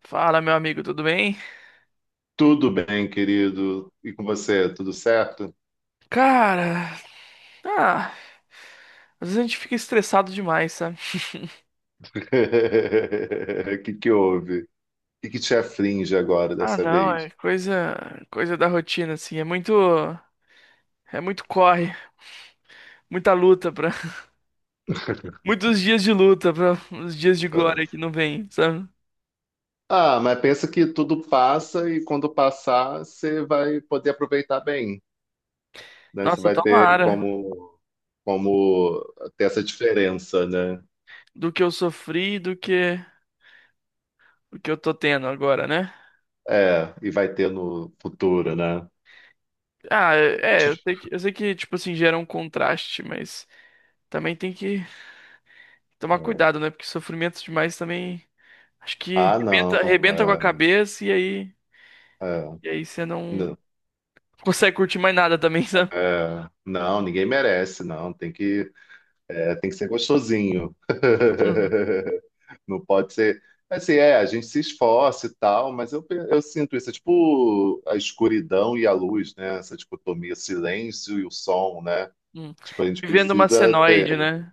Fala, meu amigo, tudo bem? Tudo bem, querido? E com você, tudo certo? Cara, ah, às vezes a gente fica estressado demais, sabe? O que que houve? O que que te aflige agora Ah, dessa não, vez? é coisa da rotina, assim. É é muito muita luta para, muitos dias de luta para os dias de glória que não vem, sabe? Ah, mas pensa que tudo passa e quando passar, você vai poder aproveitar bem, né? Você Nossa, vai ter tomara como, como ter essa diferença, né? do que eu sofri, do que eu tô tendo agora, né? É, e vai ter no futuro, né? Ah, é, eu sei que, tipo assim, gera um contraste, mas também tem que tomar cuidado, né? Porque sofrimento demais também acho que Ah, não. Arrebenta com a É, cabeça e é, e aí você não não, consegue curtir mais nada também, sabe? é, não, ninguém merece, não. Tem que É, tem que ser gostosinho. Uhum. Não pode ser. Assim, é, a gente se esforça e tal, mas eu sinto isso, é tipo a escuridão e a luz, né? Essa dicotomia, silêncio e o som, né? Hum. Tipo, a gente Vivendo uma precisa senoide, ter, né?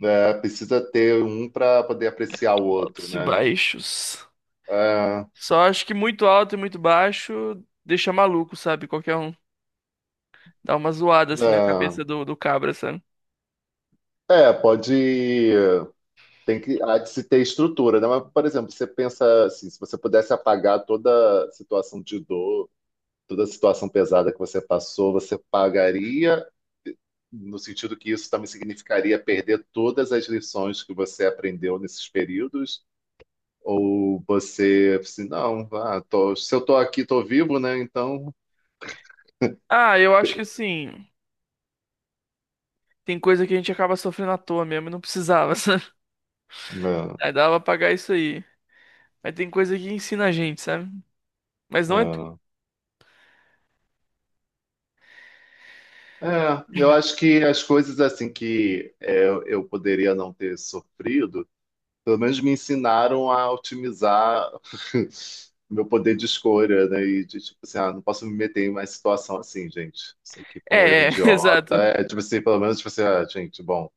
né? Precisa ter um para poder apreciar o outro, Altos e né? baixos. É, Só acho que muito alto e muito baixo deixa maluco, sabe? Qualquer um dá uma zoada assim na cabeça do cabra, sabe? é, pode. Há de se ter estrutura, né? Mas, por exemplo, você pensa assim, se você pudesse apagar toda situação de dor, toda a situação pesada que você passou, você pagaria, no sentido que isso também significaria perder todas as lições que você aprendeu nesses períodos? Ou você, assim, não, vá, se eu estou aqui, estou vivo, né? Então, Ah, eu acho que assim, tem coisa que a gente acaba sofrendo à toa mesmo e não precisava, sabe? é, Aí dava pra pagar isso aí. Mas tem coisa que ensina a gente, sabe? Mas não é. É. É, eu acho que as coisas assim que é, eu poderia não ter sofrido. Pelo menos me ensinaram a otimizar meu poder de escolha, né? E de tipo assim, ah, não posso me meter em mais situação assim, gente. Isso aqui foi um erro É, é, idiota. exato. É, tipo assim, pelo menos, tipo assim, ah, gente, bom,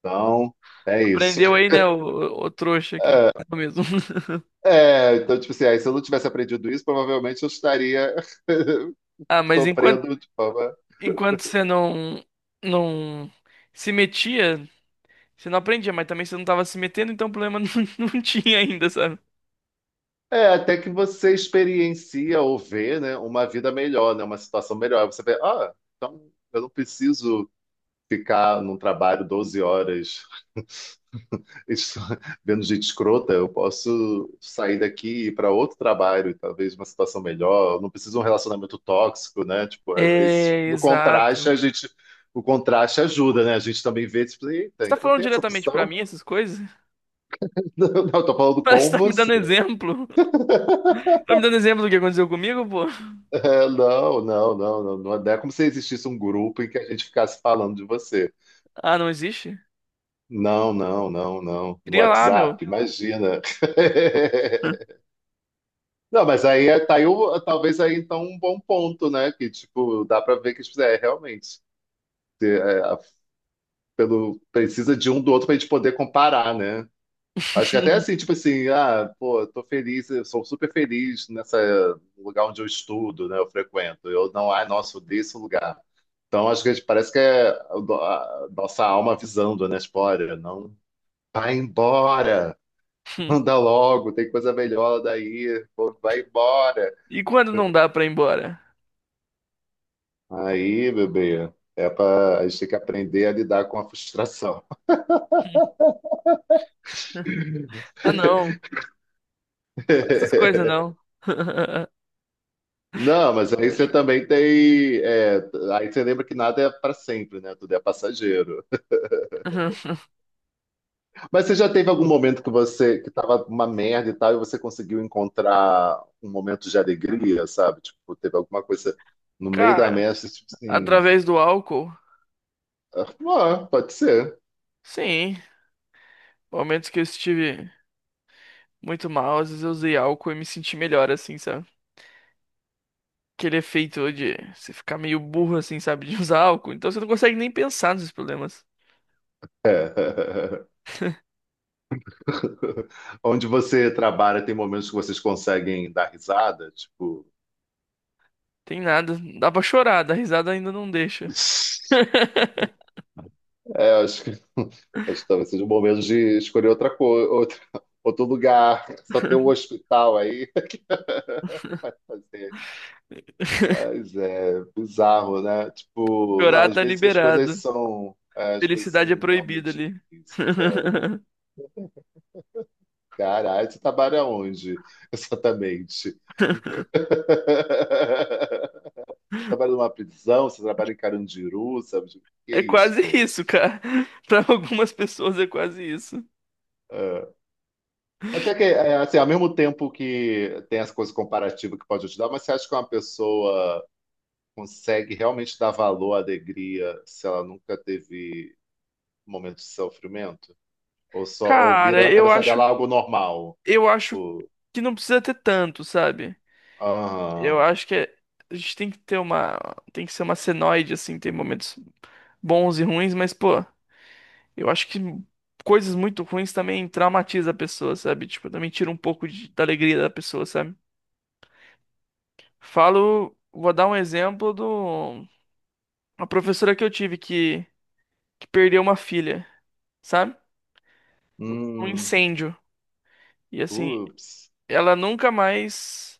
então é isso. Aprendeu aí, né, o trouxa aqui no mercado mesmo. É, então, tipo assim, aí, se eu não tivesse aprendido isso, provavelmente eu estaria Ah, mas sofrendo de forma. enquanto você não se metia, você não aprendia, mas também você não tava se metendo, então o problema não tinha ainda, sabe? É, até que você experiencia ou vê, né, uma vida melhor, né, uma situação melhor. Você vê, ah, então eu não preciso ficar num trabalho 12 horas isso, vendo gente escrota, eu posso sair daqui e ir para outro trabalho, talvez uma situação melhor. Eu não preciso de um relacionamento tóxico, né? Tipo, às vezes, É, no contraste, exato. a gente. O contraste ajuda, né? A gente também vê, tipo, Você eita, tá então falando tem essa diretamente pra opção? mim essas coisas? Não, não, eu tô falando Parece com que tá me você. dando exemplo. Tá me dando exemplo do que aconteceu comigo, pô? É, não, não, não, não, não. Não é como se existisse um grupo em que a gente ficasse falando de você. Ah, não existe? Não, não, não, não. No Cria lá, meu. WhatsApp, imagina. Não, mas aí tá aí talvez aí então um bom ponto, né? Que tipo, dá pra ver que tipo, é, realmente é, pelo, precisa de um do outro pra gente poder comparar, né? Acho que até assim, tipo assim, ah, pô, eu tô feliz, eu sou super feliz nessa no lugar onde eu estudo, né? Eu frequento. Eu não, ai, nossa, odeio esse lugar. Então acho que a gente parece que é a nossa alma avisando, né? Tipo, olha, não vai embora, anda logo, tem coisa melhor daí, pô, vai embora. E quando não dá pra ir embora? Aí, bebê, é para a gente tem que aprender a lidar com a frustração. Ah, não. Essas coisas não. Não, mas aí você também tem. É, aí você lembra que nada é para sempre, né? Tudo é passageiro. Mas você já teve algum momento que você que tava uma merda e tal, e você conseguiu encontrar um momento de alegria, sabe? Tipo, teve alguma coisa no meio da Cara, merda, você, tipo assim. através do álcool. Ah, pode ser. Sim, momentos que eu estive muito mal, às vezes eu usei álcool e me senti melhor, assim, sabe? Aquele efeito de você ficar meio burro, assim, sabe? De usar álcool. Então você não consegue nem pensar nos seus problemas. É. Onde você trabalha, tem momentos que vocês conseguem dar risada, tipo. Tem nada. Dá pra chorar, dar risada ainda não deixa. É, eu acho que, acho que talvez seja o momento de escolher outra coisa, outra, outro lugar. Só tem um hospital aí. Vai fazer. Mas é bizarro, né? Tipo, não, Chorar às tá vezes as coisas liberado. são, é, as coisas Felicidade é são proibido realmente ali. difíceis. É. Caralho, você trabalha onde exatamente? Trabalha numa prisão, você trabalha em Carandiru, sabe? Tipo, que É isso, quase gente? isso, cara. Pra algumas pessoas é quase isso. É. Mas é que, é, assim, ao mesmo tempo que tem as coisas comparativas que pode ajudar, mas você acha que uma pessoa consegue realmente dar valor à alegria se ela nunca teve um momento de sofrimento? Ou só ou Cara, vira na cabeça dela algo normal? eu acho Tipo, que não precisa ter tanto, sabe? Eu ah, acho que a gente tem que ter uma. Tem que ser uma senoide, assim, tem momentos bons e ruins, mas, pô, eu acho que coisas muito ruins também traumatiza a pessoa, sabe? Tipo, também tira um pouco da alegria da pessoa, sabe? Falo, vou dar um exemplo do. Uma professora que eu tive que perdeu uma filha, sabe? Um hum, incêndio. E assim, ups, ela nunca mais.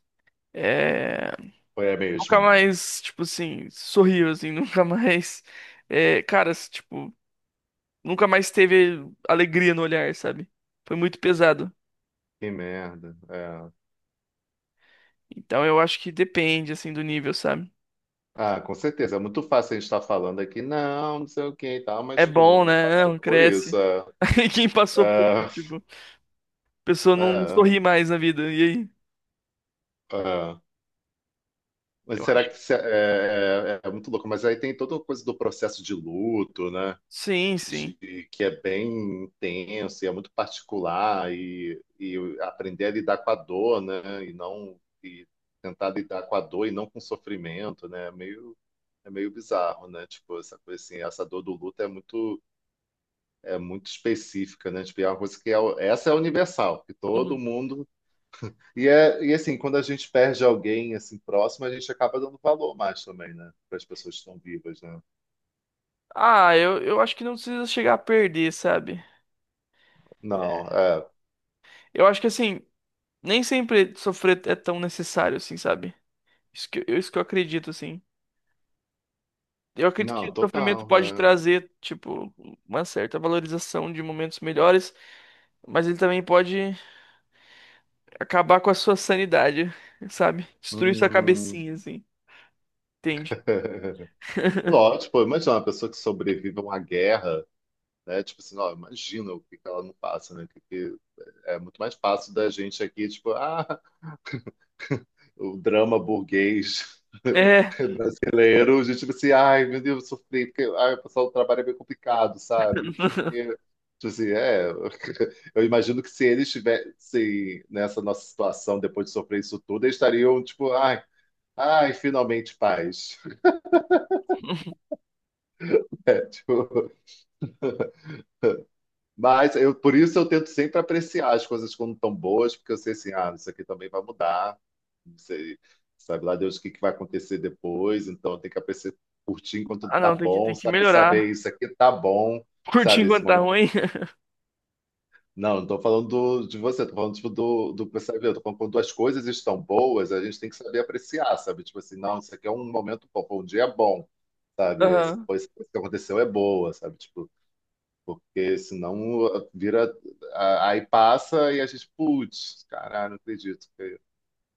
é, foi a Nunca mesma. mais, tipo assim, sorriu, assim, nunca mais. É, cara, tipo. Nunca mais teve alegria no olhar, sabe? Foi muito pesado. Que merda. É. Então eu acho que depende, assim, do nível, sabe? Ah, com certeza. É muito fácil a gente estar falando aqui, não, não sei o que e tal, mas, É tipo, não, bom, não né? É, não, passamos por cresce. isso. Aí quem passou por isso, é, tipo, a pessoa não sorri mais na vida. E aí? é. Mas Eu será acho. que se- é, é- é muito louco? Mas aí tem toda a coisa do processo de luto, né? Sim, sim. De, que é bem intenso e é muito particular e aprender a lidar com a dor, né? E não e tentar lidar com a dor e não com o sofrimento, né? É meio bizarro, né? Tipo essa coisa assim, essa dor do luto é muito específica, né? Tipo, é uma coisa que é, essa é universal, que todo Uhum. mundo e, é, e assim, quando a gente perde alguém assim próximo, a gente acaba dando valor mais também, né? Para as pessoas que estão vivas, né? Ah, eu acho que não precisa chegar a perder, sabe? Não, é. Eu acho que, assim, nem sempre sofrer é tão necessário, assim, sabe? Isso que eu acredito, assim. Eu acredito que Não, o sofrimento total. pode É. trazer, tipo, uma certa valorização de momentos melhores. Mas ele também pode acabar com a sua sanidade, sabe? Destruir sua Hum. cabecinha, assim. Entende? Lógico, pô, imagina uma pessoa que sobrevive a uma guerra, né? Tipo assim, ó, imagina o que que ela não passa, né? Que é muito mais fácil da gente aqui, tipo, ah, o drama burguês É. brasileiro, a gente tipo assim, ai, meu Deus, eu sofri, porque ai, o pessoal, o trabalho é meio complicado, sabe? Isso aqui, tipo assim, é, eu imagino que se eles estivessem nessa nossa situação, depois de sofrer isso tudo, eles estariam, tipo, ai, ai, finalmente paz. Tipo, mas eu, por isso eu tento sempre apreciar as coisas quando estão boas, porque eu sei assim, ah, isso aqui também vai mudar, não sei, sabe lá Deus o que que vai acontecer depois, então tem que apreciar, curtir enquanto Ah, tá não, tem bom, que sabe, saber melhorar. isso aqui tá bom, Curtir sabe, esse enquanto tá momento. ruim. Não, não tô falando de você, tô falando tipo, do, do, sabe, eu tô falando quando as coisas estão boas, a gente tem que saber apreciar, sabe, tipo assim, não, isso aqui é um momento bom, foi um dia bom, sabe, essa Aham. coisa que aconteceu é boa, sabe, tipo, porque senão ah, vira. Aí passa e a gente, putz, caralho, não acredito que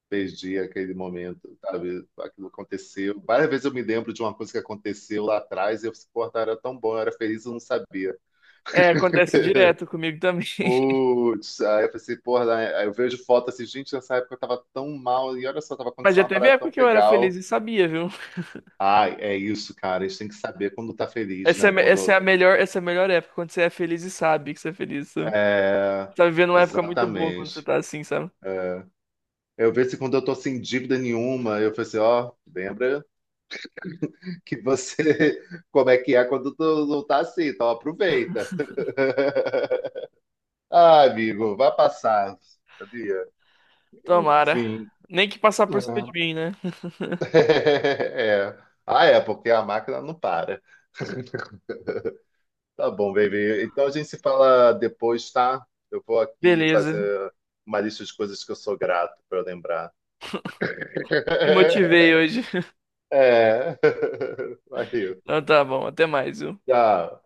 perdi aquele momento, sabe? Aquilo aconteceu. Várias vezes eu me lembro de uma coisa que aconteceu lá atrás e eu pensei, porra, era tão bom, eu era feliz, eu não sabia. É, acontece direto comigo também. Putz, aí eu pensei, porra, né? Aí eu vejo foto assim, gente, nessa época eu tava tão mal e olha só, tava Mas acontecendo já uma teve parada época tão que eu era feliz legal. e sabia, viu? Ai, é isso, cara, a gente tem que saber quando tá feliz, né? Essa é Quando. a essa é a melhor época, quando você é feliz e sabe que você é feliz, sabe? É, Você tá vivendo uma época muito boa quando você exatamente. tá assim, sabe? Eu vejo se quando eu tô sem dívida nenhuma, eu falei assim, ó, lembra que você, como é que é quando tu não tá assim, então aproveita. Ah, amigo, vai passar, sabia? Tomara. Enfim. Nem que passar por cima de É. mim, né? É. Ah, é, porque a máquina não para. Tá bom, baby. Então a gente se fala depois, tá? Eu vou aqui Beleza. fazer uma lista de coisas que eu sou grato pra eu lembrar. Te motivei hoje. É. Valeu. Então tá bom, até mais, viu? Tchau.